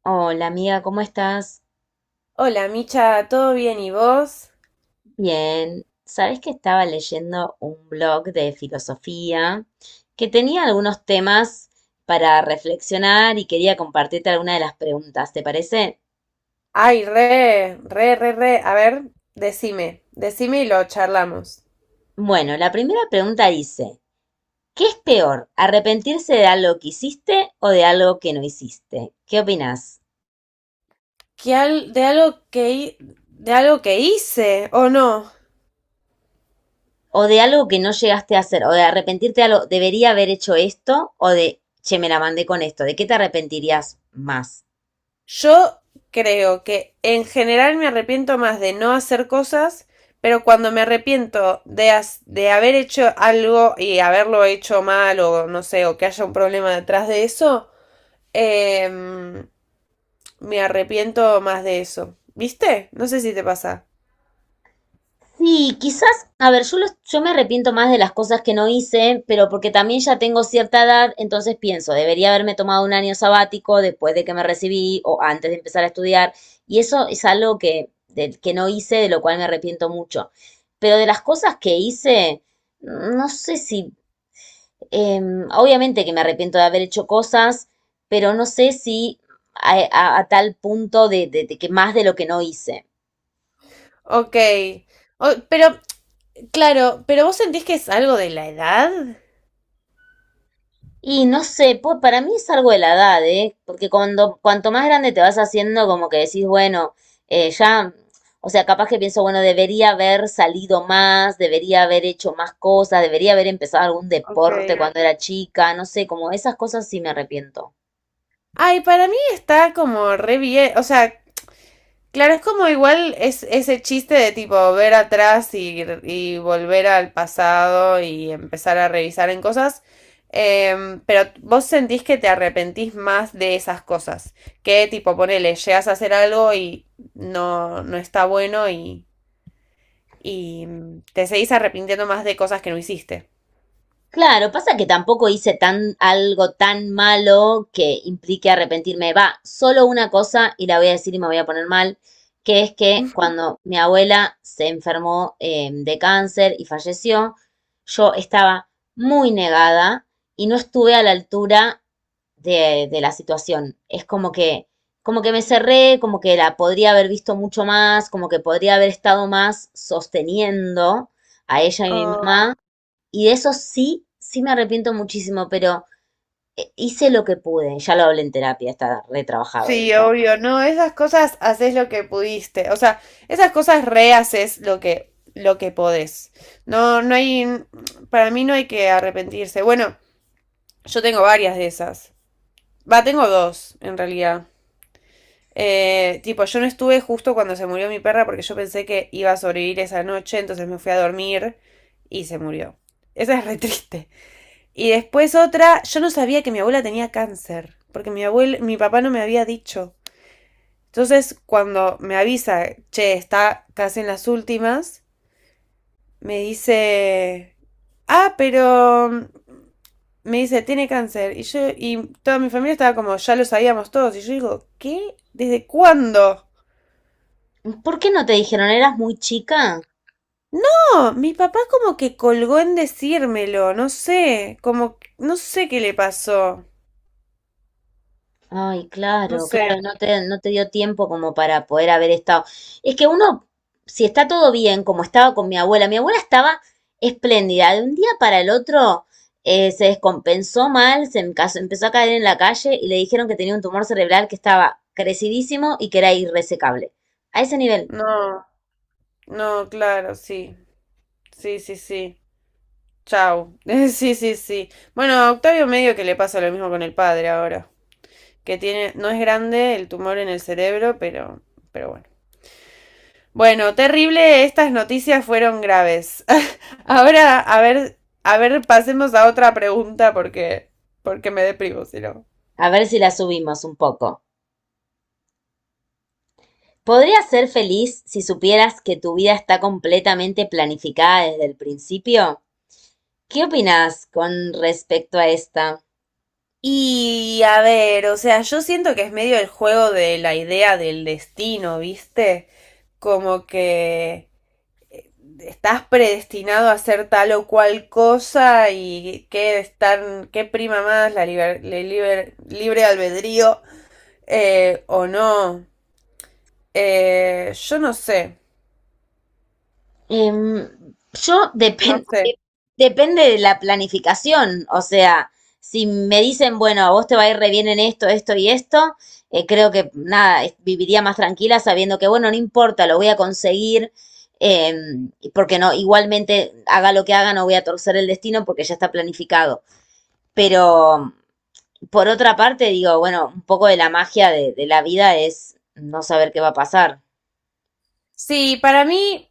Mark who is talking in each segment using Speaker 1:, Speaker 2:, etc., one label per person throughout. Speaker 1: Hola amiga, ¿cómo estás?
Speaker 2: Hola, Micha, ¿todo bien y vos?
Speaker 1: Bien. Sabes que estaba leyendo un blog de filosofía que tenía algunos temas para reflexionar y quería compartirte alguna de las preguntas, ¿te parece?
Speaker 2: Ay, re, re, re, re. A ver, decime, decime y lo charlamos.
Speaker 1: Bueno, la primera pregunta dice, ¿qué es peor, arrepentirse de algo que hiciste o de algo que no hiciste? ¿Qué opinas?
Speaker 2: ¿Qué al- de algo que hi- de algo que hice o no?
Speaker 1: ¿O de algo que no llegaste a hacer? ¿O de arrepentirte de algo, debería haber hecho esto? ¿O de, che, me la mandé con esto? ¿De qué te arrepentirías más?
Speaker 2: Yo creo que en general me arrepiento más de no hacer cosas, pero cuando me arrepiento de haber hecho algo y haberlo hecho mal o no sé, o que haya un problema detrás de eso, em, me arrepiento más de eso. ¿Viste? No sé si te pasa.
Speaker 1: Sí, quizás, a ver, yo, yo me arrepiento más de las cosas que no hice, pero porque también ya tengo cierta edad, entonces pienso, debería haberme tomado un año sabático después de que me recibí o antes de empezar a estudiar, y eso es algo que, del que no hice, de lo cual me arrepiento mucho. Pero de las cosas que hice, no sé si, obviamente que me arrepiento de haber hecho cosas, pero no sé si a tal punto de que más de lo que no hice.
Speaker 2: Ok. Pero, claro, pero vos sentís que es algo de la edad.
Speaker 1: Y no sé, pues para mí es algo de la edad, ¿eh? Porque cuando, cuanto más grande te vas haciendo, como que decís, bueno, ya, o sea, capaz que pienso, bueno, debería haber salido más, debería haber hecho más cosas, debería haber empezado algún
Speaker 2: Ok.
Speaker 1: deporte cuando era chica, no sé, como esas cosas sí me arrepiento.
Speaker 2: Ay, para mí está como re bien. O sea, claro, es como igual es ese chiste de tipo ver atrás y volver al pasado y empezar a revisar en cosas. Pero vos sentís que te arrepentís más de esas cosas. Que tipo, ponele, llegas a hacer algo y no, no está bueno y te seguís arrepintiendo más de cosas que no hiciste.
Speaker 1: Claro, pasa que tampoco hice tan, algo tan malo que implique arrepentirme. Va, solo una cosa, y la voy a decir y me voy a poner mal, que es que cuando mi abuela se enfermó de cáncer y falleció, yo estaba muy negada y no estuve a la altura de la situación. Es como que me cerré, como que la podría haber visto mucho más, como que podría haber estado más sosteniendo a ella y a mi mamá. Y de eso sí, sí me arrepiento muchísimo, pero hice lo que pude. Ya lo hablé en terapia, está retrabajado eso.
Speaker 2: Sí, obvio, no, esas cosas haces lo que pudiste, o sea, esas cosas rehaces lo que podés. No, para mí no hay que arrepentirse. Bueno, yo tengo varias de esas. Va, tengo dos, en realidad. Tipo, yo no estuve justo cuando se murió mi perra porque yo pensé que iba a sobrevivir esa noche, entonces me fui a dormir y se murió. Esa es re triste. Y después otra, yo no sabía que mi abuela tenía cáncer, porque mi papá no me había dicho. Entonces, cuando me avisa, che, está casi en las últimas, me dice, ah, pero me dice, tiene cáncer. Y toda mi familia estaba como, ya lo sabíamos todos. Y yo digo, ¿qué? ¿Desde cuándo?
Speaker 1: ¿Por qué no te dijeron? ¿Eras muy chica?
Speaker 2: No, mi papá como que colgó en decírmelo, no sé, como, no sé qué le pasó,
Speaker 1: Ay,
Speaker 2: no
Speaker 1: claro, claro,
Speaker 2: sé,
Speaker 1: no te, no te dio tiempo como para poder haber estado. Es que uno, si está todo bien, como estaba con mi abuela estaba espléndida. De un día para el otro se descompensó mal, empezó a caer en la calle y le dijeron que tenía un tumor cerebral que estaba crecidísimo y que era irresecable. A ese nivel.
Speaker 2: no, no, claro, sí, sí, sí, sí. Chau. Sí, sí, sí. Bueno, a Octavio medio que le pasa lo mismo con el padre ahora, que tiene, no es grande el tumor en el cerebro, pero bueno. Bueno, terrible, estas noticias fueron graves. Ahora, a ver, pasemos a otra pregunta porque me deprimo, si no.
Speaker 1: A ver si la subimos un poco. ¿Podrías ser feliz si supieras que tu vida está completamente planificada desde el principio? ¿Qué opinas con respecto a esta?
Speaker 2: Y a ver, o sea, yo siento que es medio el juego de la idea del destino, ¿viste? Como que estás predestinado a hacer tal o cual cosa y qué prima más libre albedrío, o no. Yo no sé,
Speaker 1: Em, yo
Speaker 2: no
Speaker 1: depende,
Speaker 2: sé.
Speaker 1: depende de la planificación, o sea, si me dicen, bueno, a vos te va a ir re bien en esto, esto y esto, creo que nada, es- viviría más tranquila sabiendo que, bueno, no importa, lo voy a conseguir, porque no, igualmente haga lo que haga, no voy a torcer el destino porque ya está planificado. Pero por otra parte, digo, bueno, un poco de la magia de la vida es no saber qué va a pasar.
Speaker 2: Sí, para mí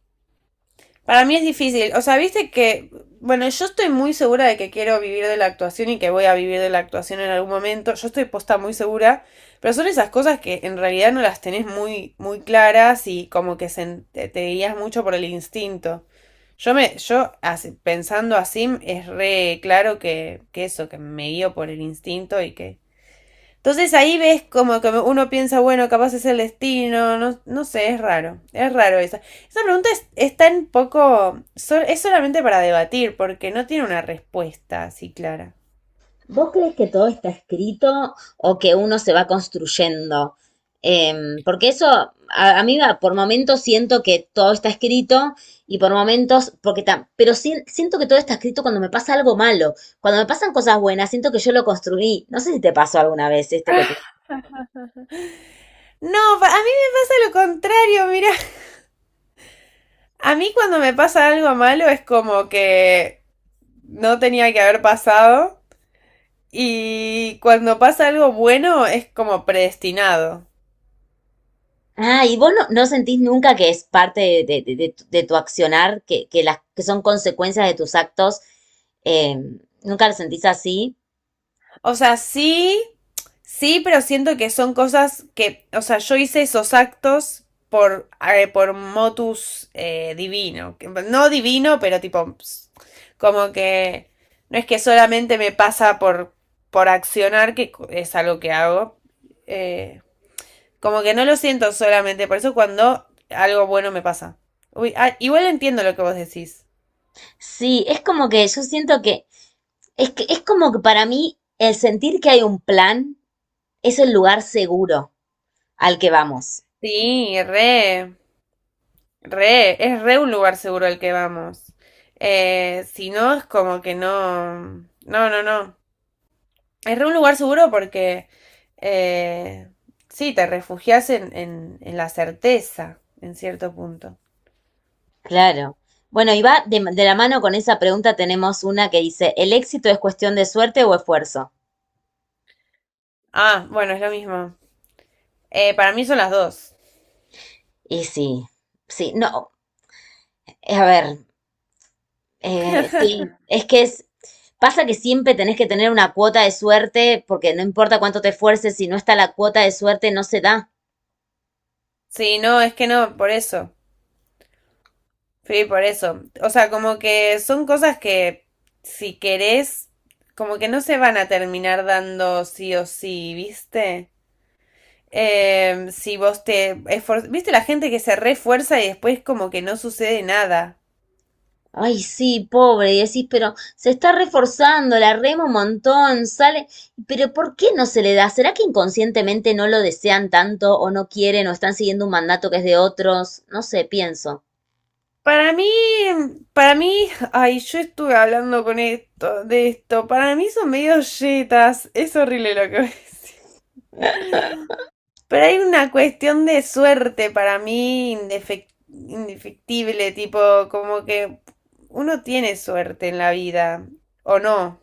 Speaker 2: Para mí es difícil. O sea, viste que, bueno, yo estoy muy segura de que quiero vivir de la actuación y que voy a vivir de la actuación en algún momento. Yo estoy posta muy segura, pero son esas cosas que en realidad no las tenés muy, muy claras y como que te guías mucho por el instinto. Yo me, yo así- pensando así, es re claro que eso, que me guío por el instinto y que entonces ahí ves como que uno piensa, bueno, capaz es el destino, no, no sé, es raro esa. Esa pregunta es tan poco, es solamente para debatir, porque no tiene una respuesta así clara.
Speaker 1: ¿Vos crees que todo está escrito o que uno se va construyendo? Porque eso, a mí va- por momentos siento que todo está escrito y por momentos, porque tam- pero sí- siento que todo está escrito cuando me pasa algo malo. Cuando me pasan cosas buenas, siento que yo lo construí. No sé si te pasó alguna vez esto que te...
Speaker 2: No, a mí me pasa lo contrario, mira. A mí cuando me pasa algo malo es como que no tenía que haber pasado y cuando pasa algo bueno es como predestinado.
Speaker 1: Ah, y vos no, no sentís nunca que es parte de, de tu accionar, que las, que son consecuencias de tus actos. ¿Nunca lo sentís así?
Speaker 2: O sea, sí, sí, pero siento que son cosas que, o sea, yo hice esos actos por motus divino. No divino, pero tipo, como que no es que solamente me pasa por accionar, es algo que hago. eh, como que no lo siento solamente, por eso cuando algo bueno me pasa. Uy, ah, igual entiendo lo que vos decís.
Speaker 1: Sí, es como que yo siento que es que es como que para mí el sentir que hay un plan es el lugar seguro al que vamos.
Speaker 2: Sí, re. Re, es re un lugar seguro el que vamos. Si no, es como que no. No, no, no. Es re un lugar seguro porque eh, sí, te refugias en la certeza, en cierto punto.
Speaker 1: Claro. Bueno, y va de la mano con esa pregunta tenemos una que dice, ¿el éxito es cuestión de suerte o esfuerzo?
Speaker 2: Ah, bueno, es lo mismo. Para mí son las dos.
Speaker 1: Y sí, sí, no, a ver, sí, es que es, pasa que siempre tenés que tener una cuota de suerte porque no importa cuánto te esfuerces, si no está la cuota de suerte no se da.
Speaker 2: Sí, no, es que no, por eso. Sí, por eso. O sea, como que son cosas que si querés, como que no se van a terminar dando sí o sí, ¿viste? Em, si vos te esfor- ¿Viste la gente que se refuerza y después como que no sucede nada?
Speaker 1: Ay, sí, pobre, y decís, pero se está reforzando, la rema un montón, sale, pero ¿por qué no se le da? ¿Será que inconscientemente no lo desean tanto o no quieren o están siguiendo un mandato que es de otros? No sé, pienso.
Speaker 2: Para mí, para mí, ay, yo estuve hablando con esto, de esto. Para mí son medio yetas. Es horrible lo que voy a decir. Pero hay una cuestión de suerte para mí indefectible, tipo, como que uno tiene suerte en la vida, o no,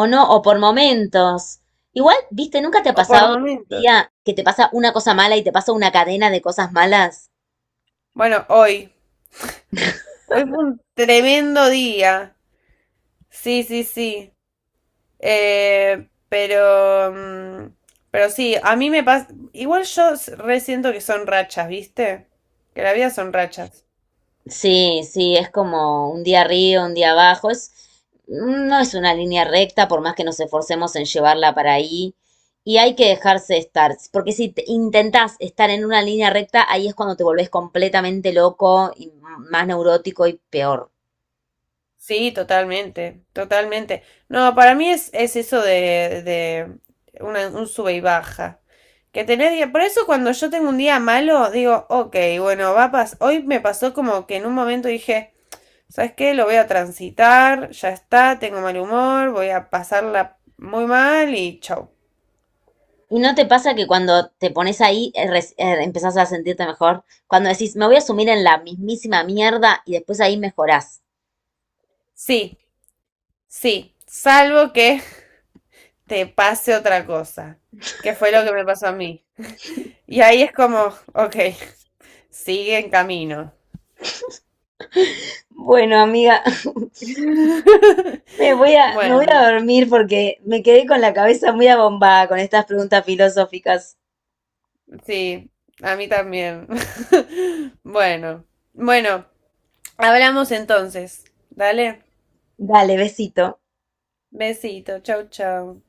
Speaker 1: O no, o por momentos. Igual, viste, ¿nunca te ha
Speaker 2: o por
Speaker 1: pasado un
Speaker 2: momentos.
Speaker 1: día que te pasa una cosa mala y te pasa una cadena de cosas malas?
Speaker 2: Bueno, hoy fue un tremendo día. Sí, sí, sí. Eh, pero, mm, pero sí, a mí me pasa. Igual re siento que son rachas, ¿viste? Que la vida son rachas.
Speaker 1: Sí, sí, es como un día arriba, un día abajo. Es, no es una línea recta, por más que nos esforcemos en llevarla para ahí. Y hay que dejarse estar, porque si te- intentás estar en una línea recta, ahí es cuando te volvés completamente loco y m- más neurótico y peor.
Speaker 2: Sí, totalmente, totalmente. No, para mí es eso de un sube y baja. Por eso cuando yo tengo un día malo, digo, ok, bueno, hoy me pasó como que en un momento dije, ¿sabes qué? Lo voy a transitar, ya está, tengo mal humor, voy a pasarla muy mal y chau.
Speaker 1: ¿Y no te pasa que cuando te pones ahí res- empezás a sentirte mejor? Cuando decís, me voy a sumir en la mismísima mierda y después ahí mejorás.
Speaker 2: Sí. Sí, salvo que te pase otra cosa, que fue lo que me pasó a mí. Y ahí es como, ok, sigue en camino.
Speaker 1: Bueno, amiga, me voy a, me voy
Speaker 2: Bueno,
Speaker 1: a dormir porque me quedé con la cabeza muy abombada con estas preguntas filosóficas.
Speaker 2: sí, a mí también. Bueno, bueno, hablamos entonces. Dale,
Speaker 1: Dale, besito.
Speaker 2: besito, chau, chau.